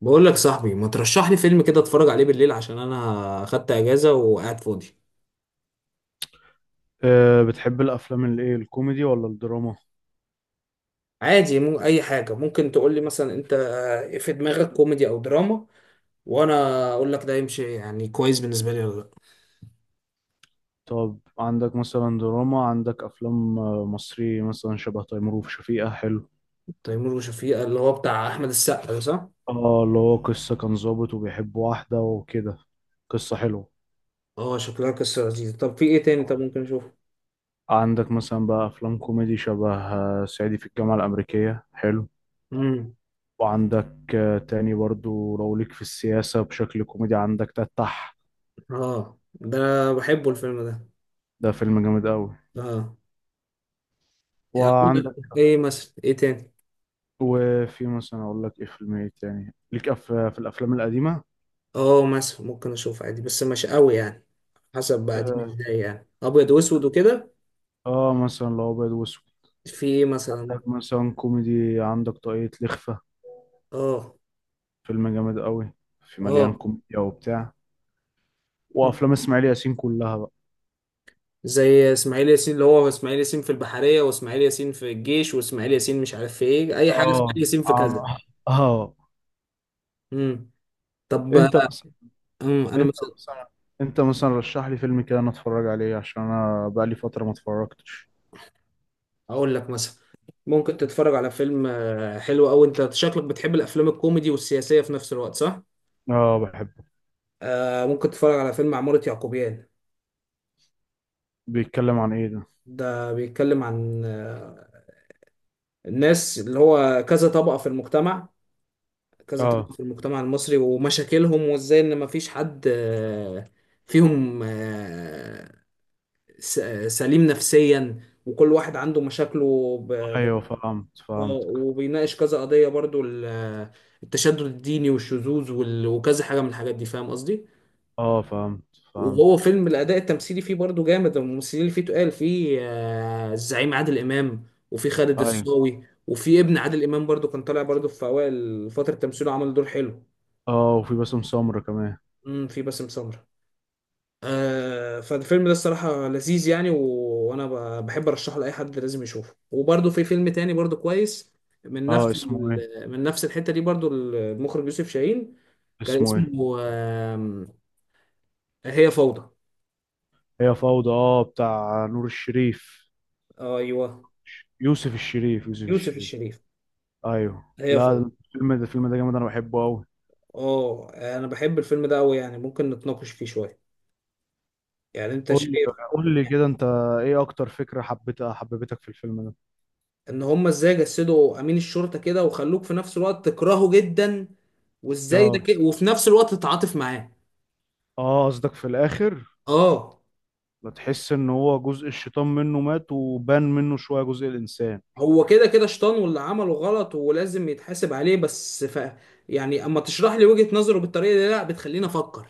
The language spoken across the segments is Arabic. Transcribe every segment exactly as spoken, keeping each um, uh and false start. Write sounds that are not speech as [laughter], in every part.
بقول لك صاحبي، ما ترشح لي فيلم كده اتفرج عليه بالليل عشان انا خدت اجازة وقاعد فاضي. أه، بتحب الأفلام الإيه، الكوميدي ولا الدراما؟ عادي، مو اي حاجة ممكن تقول لي مثلا، انت في دماغك كوميدي او دراما، وانا اقول لك ده يمشي يعني كويس بالنسبة لي ولا لا. طب، عندك مثلا دراما، عندك أفلام آه، مصري مثلا شبه تيمور وشفيقة حلو. تيمور وشفيقة اللي هو بتاع احمد السقا ده، صح؟ اه، اللي هو قصة كان ظابط وبيحب واحدة وكده. قصة حلوة. اه، شكلها قصة لذيذة. طب في ايه تاني؟ طب آه. ممكن اشوفه. عندك مثلا بقى أفلام كوميدي شبه آه، صعيدي في الجامعة الأمريكية حلو. امم. وعندك آه، تاني برضو، لو ليك في السياسة بشكل كوميدي، عندك تتح. اه، ده أنا بحبه الفيلم ده. ده فيلم جامد أوي. اه. يعني وعندك ايه مثلا؟ ايه تاني؟ وفي مثلا أقول لك إيه فيلم إيه تاني ليك، أف... في الأفلام القديمة. اه، مثلا ممكن اشوف عادي بس مش قوي يعني. حسب بقى دي، مش اه. ازاي يعني ابيض واسود وكده. آه، مثلا لو ابيض واسود، في ايه مثلا؟ عندك مثلا كوميدي، عندك طاقية لخفة. اه. فيلم جامد قوي، في مليان اه. كوميديا وبتاع. وافلام مم. اسماعيل ياسين كلها بقى. زي اسماعيل ياسين، اللي هو اسماعيل ياسين في البحرية، واسماعيل ياسين في الجيش، واسماعيل ياسين مش عارف في ايه، اي حاجة اسماعيل اه. ياسين في كذا. اه. آه. امم. طب. انت مثلا امم، انا انت مثلا مثلا انت مثلا رشح لي فيلم كده انا اتفرج عليه، عشان انا بقالي فترة ما اتفرجتش. اقول لك مثلا ممكن تتفرج على فيلم آه، حلو. او انت شكلك بتحب الافلام الكوميدي والسياسية في نفس الوقت، صح؟ اه، بحبه. آه ممكن تتفرج على فيلم عمارة يعقوبيان. بيتكلم عن ايه ده؟ ده بيتكلم عن آه، الناس اللي هو كذا طبقة في المجتمع كذا طبقة اه، في المجتمع المصري ومشاكلهم، وازاي ان مفيش حد آه، فيهم آه، س- آه، سليم نفسيا، وكل واحد عنده مشاكله ب... ب... ايوه، فهمت، اه فهمتك. وبيناقش كذا قضية برضو، ال- آه، التشدد الديني والشذوذ وال... وكذا حاجة من الحاجات دي، فاهم قصدي؟ اه، فهمت، فهمت. وهو فيلم الأداء التمثيلي فيه برضو جامد. الممثلين اللي فيه تقال فيه آه، الزعيم عادل إمام، وفيه خالد ايوه. الصاوي، وفيه ابن عادل إمام برضو كان طالع برضو في أوائل فترة تمثيله، عمل دور حلو. اه، وفي باسم سمرة كمان. امم، في باسم سمرة. آه، فالفيلم ده الصراحة لذيذ يعني. و... وأنا ب... بحب أرشحه لأي حد، لازم يشوفه. وبرده في فيلم تاني برده كويس، من اه، نفس اسمه ايه؟ ال... من نفس الحتة دي برده، المخرج يوسف شاهين. كان اسمه ايه؟ اسمه آم، هي فوضى. هي فوضى، اه، بتاع نور الشريف. أيوه. يوسف الشريف، يوسف يوسف الشريف. الشريف. ايوه. هي لا. فوضى. الفيلم ده الفيلم ده جامد، انا بحبه قوي. اه، أنا بحب الفيلم ده أوي يعني، ممكن نتناقش فيه شوية. يعني أنت قول لي، شايف؟ قول لي كده انت، ايه اكتر فكرة حبيتها، حببتك في الفيلم ده؟ إن هما إزاي جسدوا أمين الشرطة كده، وخلوك في نفس الوقت تكرهه جدا، وإزاي ده اه، كده وفي نفس الوقت تتعاطف معاه. اه، قصدك في الاخر؟ اه. لا، تحس ان هو جزء الشيطان منه مات وبان منه شوية جزء الانسان. هو كده كده شطان، واللي عمله غلط ولازم يتحاسب عليه بس. ف يعني اما تشرح لي وجهة نظره بالطريقة دي، لا بتخليني افكر.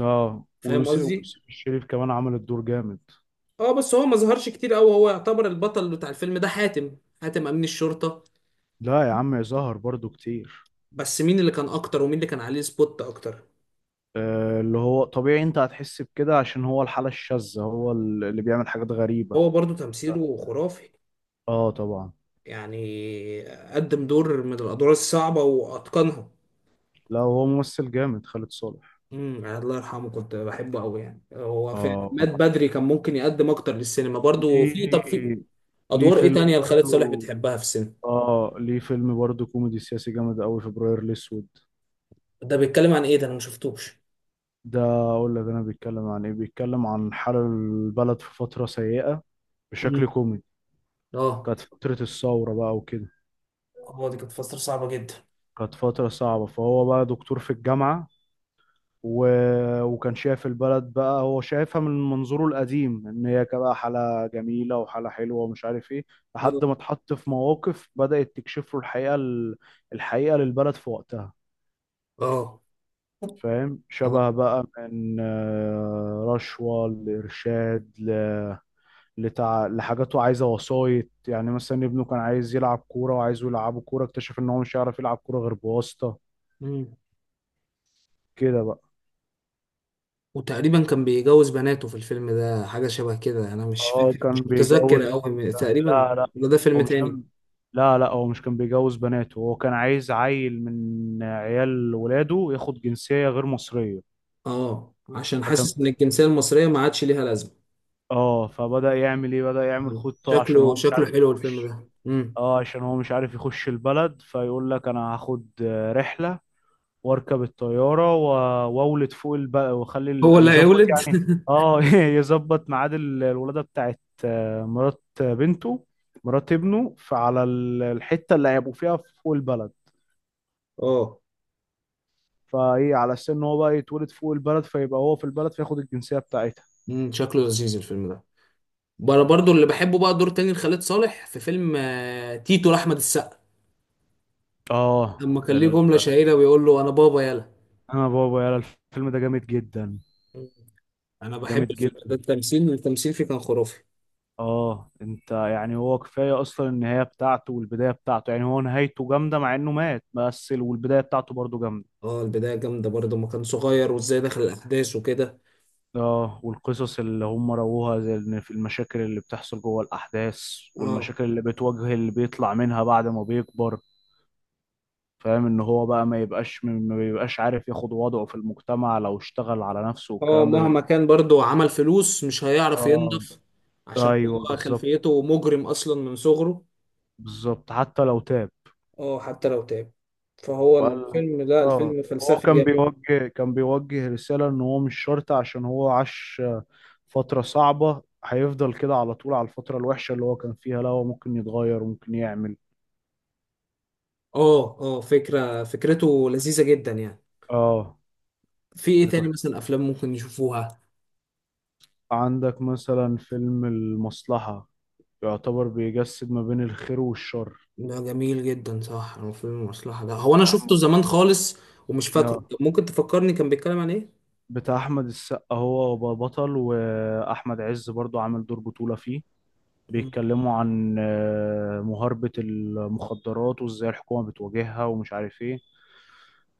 اه، فاهم ويوسف قصدي؟ ويوسف الشريف كمان عمل الدور جامد. اه، بس هو ما ظهرش كتير قوي. هو يعتبر البطل بتاع الفيلم ده، حاتم حاتم امين الشرطة. لا يا عم، ظهر برضو كتير. بس مين اللي كان اكتر، ومين اللي كان عليه سبوت اكتر؟ آه، اللي هو طبيعي، انت هتحس بكده عشان هو الحالة الشاذة، هو ال- اللي بيعمل حاجات هو غريبة. برضو تمثيله خرافي، اه طبعا. يعني قدم دور من الادوار الصعبة واتقنها. لا، هو ممثل جامد، خالد صالح. امم، الله يرحمه. كنت بحبه قوي يعني، هو في اه، مات بدري، كان ممكن يقدم اكتر للسينما برضو. في طب، في ليه ليه ادوار ايه فيلم تانية لخالد صالح برضو. بتحبها في السينما؟ اه، ليه فيلم برضو، كوميدي سياسي جامد قوي، فبراير الاسود. ده بيتكلم عن ايه؟ ده انا ما شفتوش. ده اقول لك انا، بيتكلم عن ايه؟ بيتكلم عن حال البلد في فترة سيئة، مم. بشكل كوميدي. اه. كانت فترة الثورة بقى وكده. هو دي كانت فترة صعبة جدا. كانت فترة صعبة، فهو بقى دكتور في الجامعة و... وكان شايف البلد، بقى هو شايفها من منظوره القديم، ان هي بقى حالة جميلة وحالة حلوة ومش عارف ايه، اه. لحد ما اتحط في مواقف بدأت تكشف له الحقيقة، ال... الحقيقة للبلد في وقتها. اه. فاهم، اه. شبه بقى من آه، رشوة، لإرشاد، ل... لتع... لحاجاته عايزة وسايط، يعني مثلا ابنه كان عايز يلعب كورة وعايزه يلعبه كورة، اكتشف ان هو مش هيعرف يلعب كورة غير بواسطة. مم. كده بقى. وتقريبا كان بيجوز بناته في الفيلم ده، حاجة شبه كده، أنا مش اه، فاكر، مش كان متذكر بيجوز. أوي تقريبا. لا، لا، ولا ده هو فيلم مش تاني؟ كان لا، لا، هو مش كان بيجوز بناته. هو كان عايز عيل من عيال ولاده ياخد جنسية غير مصرية. أه، عشان فكان حاسس إن بي- الجنسية المصرية ما عادش ليها لازمة. اه، فبدأ يعمل ايه؟ بدأ يعمل مم. خطة، عشان شكله هو مش شكله عارف حلو الفيلم يخش. ده. مم. اه، عشان هو مش عارف يخش البلد، فيقول لك انا هاخد آه، رحلة، واركب الطياره و- واولد فوق البقى، واخلي هو ال- اللي يظبط هيولد؟ يعني. [laughs] اه، [laughs] يظبط ميعاد ال- الولاده بتاعت آه، مرات بنته، مرات ابنه، فعلى ال- الحته اللي هيبقوا فيها فوق البلد، أه. فايه على اساس ان هو بقى يتولد فوق البلد، فيبقى هو في البلد فياخد الجنسيه بتاعتها. مم. شكله لذيذ الفيلم ده. بر- برضو اللي بحبه بقى دور تاني لخالد صالح في فيلم آه، تيتو لأحمد السقا، اه، لما كان ليه ال... جملة شهيرة بيقول له: أنا بابا يلا. انا بابا يا، الفيلم ده جامد جدا. أنا بحب جامد الفيلم ده، جدا. التمثيل التمثيل فيه كان خرافي. اه، انت يعني، هو كفايه اصلا النهايه بتاعته والبدايه بتاعته. يعني هو نهايته جامده مع انه مات، بس ال- والبدايه بتاعته برضه جامده. اه، البداية جامدة برضو، ما كان صغير وازاي دخل الأحداث وكده. اه، والقصص اللي هم رووها، زي ان في المشاكل اللي بتحصل جوه الاحداث، اه. والمشاكل اللي بتواجه اللي بيطلع منها بعد ما بيكبر. فاهم ان هو بقى ما يبقاش، ما بيبقاش عارف ياخد وضعه في المجتمع لو اشتغل على نفسه، اه، والكلام ده بيبقى. مهما كان برضو عمل فلوس، مش هيعرف اه، ينضف. عشان ايوه، هو بالظبط. خلفيته مجرم أصلا من صغره. بالظبط، حتى لو تاب اه، حتى لو تعب. فهو وقال. الفيلم ده، اه، الفيلم هو فلسفي كان جامد. بيوجه كان بيوجه رسالة ان هو مش شرط، عشان هو عاش فترة صعبة، هيفضل كده على طول على الفترة الوحشة اللي هو كان فيها. لا، هو ممكن يتغير وممكن يعمل. اه، اه، فكرة فكرته لذيذة جدا يعني. اه، في ايه فكرته تاني حلوة. مثلا؟ افلام ممكن نشوفوها. عندك مثلا فيلم المصلحة، يعتبر بيجسد ما بين الخير والشر. ده جميل جدا، صح. هو فيلم المصلحة ده، هو انا بتاع شفته أحمد زمان خالص، ومش فاكره. اه طب ممكن تفكرني كان بيتكلم عن ايه؟ بتاع أحمد السقا، هو بطل، وأحمد عز برضو عامل دور بطولة فيه. مم. بيتكلموا عن آه، مهاربة المخدرات وازاي الحكومة بتواجهها ومش عارف ايه.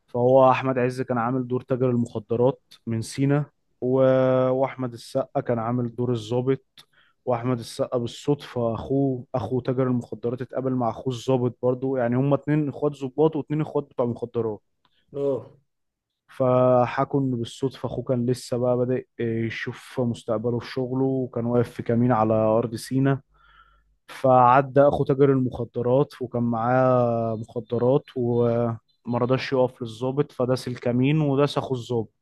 فهو احمد عز كان عامل دور تاجر المخدرات من سينا، و... واحمد السقا كان عامل دور الضابط. واحمد السقا بالصدفة اخوه، اخو تاجر المخدرات، اتقابل مع اخوه الضابط برضو. يعني هما اتنين اخوات ضباط واتنين اخوات بتوع مخدرات. اه، فحكوا ان بالصدفة اخوه كان لسه بقى بادئ يشوف مستقبله في شغله، وكان واقف في كمين على ارض سينا، فعدى اخو تاجر المخدرات وكان معاه مخدرات وما رضاش يقف للظابط، فداس الكمين وداس اخو الظابط.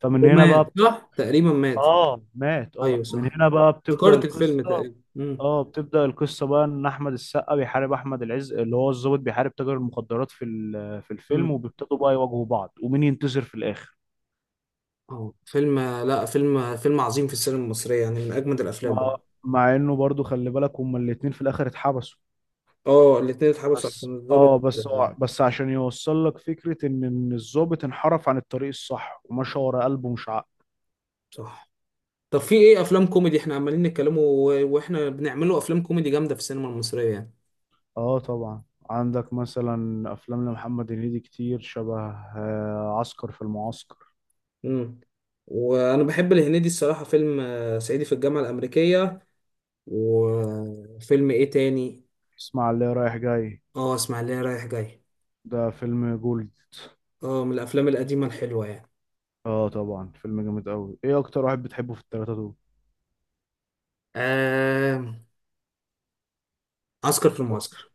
فمن هنا ومات، بقى بت... صح، تقريبا مات. اه مات. ايوه اه، من صح، هنا بقى بتبدأ ذكرت الفيلم القصة. تقريبا. امم. اه، بتبدأ القصة بقى، ان احمد السقا بيحارب احمد العز، اللي هو الظابط بيحارب تاجر المخدرات في ال- في الفيلم، امم. وبيبتدوا بقى يواجهوا بعض، ومين ينتصر في الاخر. اه، فيلم، لا، فيلم فيلم عظيم في السينما المصرية، يعني من اجمد الافلام مع برضه. مع انه برضو خلي بالك، هما الاتنين في الاخر اتحبسوا. اه، الاتنين اتحبسوا بس عشان الضابط. اه بس هو- بس عشان يوصل لك فكرة ان ان الضابط انحرف عن الطريق الصح، ومشى ورا قلبه مش عقله. صح. طب في ايه افلام كوميدي؟ احنا عمالين نتكلموا، و- واحنا بنعملوا افلام كوميدي جامدة في السينما المصرية يعني. اه طبعا. عندك مثلا افلام لمحمد هنيدي كتير، شبه آه، عسكر في المعسكر. مم. وانا بحب الهنيدي الصراحه، فيلم آه، صعيدي في الجامعه الامريكيه. وفيلم ايه تاني؟ اسمع، اللي رايح جاي، اه، اسماعيليه رايح جاي. ده فيلم جولد. اه، من الافلام القديمه الحلوه يعني. اه طبعا، فيلم جامد قوي. ايه اكتر واحد بتحبه في التلاتة دول؟ آه... عسكر في المعسكر.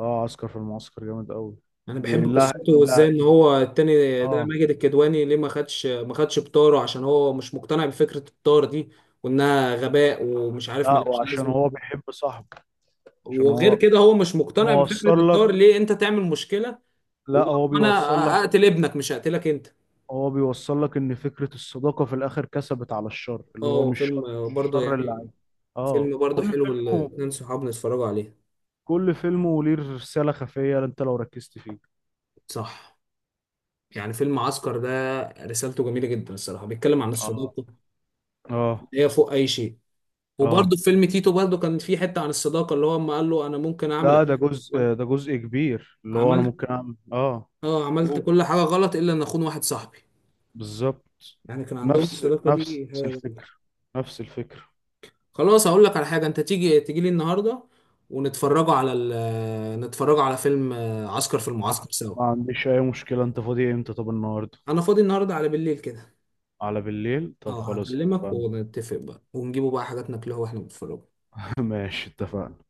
اه، عسكر في المعسكر جامد قوي. انا بحب، جميل بالله، قصته، وازاي لا. ان هو التاني ده اه، ماجد الكدواني ليه ما خدش ما خدش بطاره، عشان هو مش مقتنع بفكره الطار دي، وانها غباء ومش عارف، لا، ملهاش وعشان لازمه. هو بيحب صاحبه. عشان وغير هو كده هو مش مقتنع بفكره موصل لك الطار، ليه انت تعمل مشكله؟ و- لا، هو وانا، بيوصل لك اقتل ابنك، مش هقتلك انت. هو بيوصل لك ان فكرة الصداقة في الاخر كسبت على الشر، اللي هو اه، مش شر، فيلم مش برضه الشر اللي يعني. عايز. اه، فيلم برضه كل حلو، فيلمه الاتنين صحابنا اتفرجوا عليه. كل فيلمه ليه رسالة خفية انت لو ركزت فيه. صح. يعني فيلم عسكر ده، رسالته جميلة جدا الصراحة، بيتكلم عن اه، الصداقة اه، اللي هي فوق أي شيء. اه، وبرضه في فيلم تيتو، برضه كان في حتة عن الصداقة، اللي هو أما قال له: أنا ممكن أعمل ده ده أي حاجة. جزء ده جزء كبير، اللي هو انا عملت. ممكن اعمل اه اه، عملت أوه. كل حاجة غلط، إلا إن أخون واحد صاحبي. بالظبط. يعني كان عندهم نفس الصداقة نفس دي حاجة جميلة. الفكرة. نفس الفكرة. خلاص، هقول لك على حاجة. أنت تيجي تيجي لي النهاردة، ونتفرجوا على ال... نتفرجوا على فيلم آه، عسكر في آه. المعسكر سوا. ما عنديش اي مشكلة. انت فاضي امتى؟ طب، النهاردة؟ أنا فاضي النهاردة على بالليل كده. على بالليل؟ طب اه، خلاص، هكلمك اتفقنا. ونتفق بقى، ونجيبوا بقى حاجات ناكلها واحنا بنتفرج. [laughs] ماشي، اتفقنا.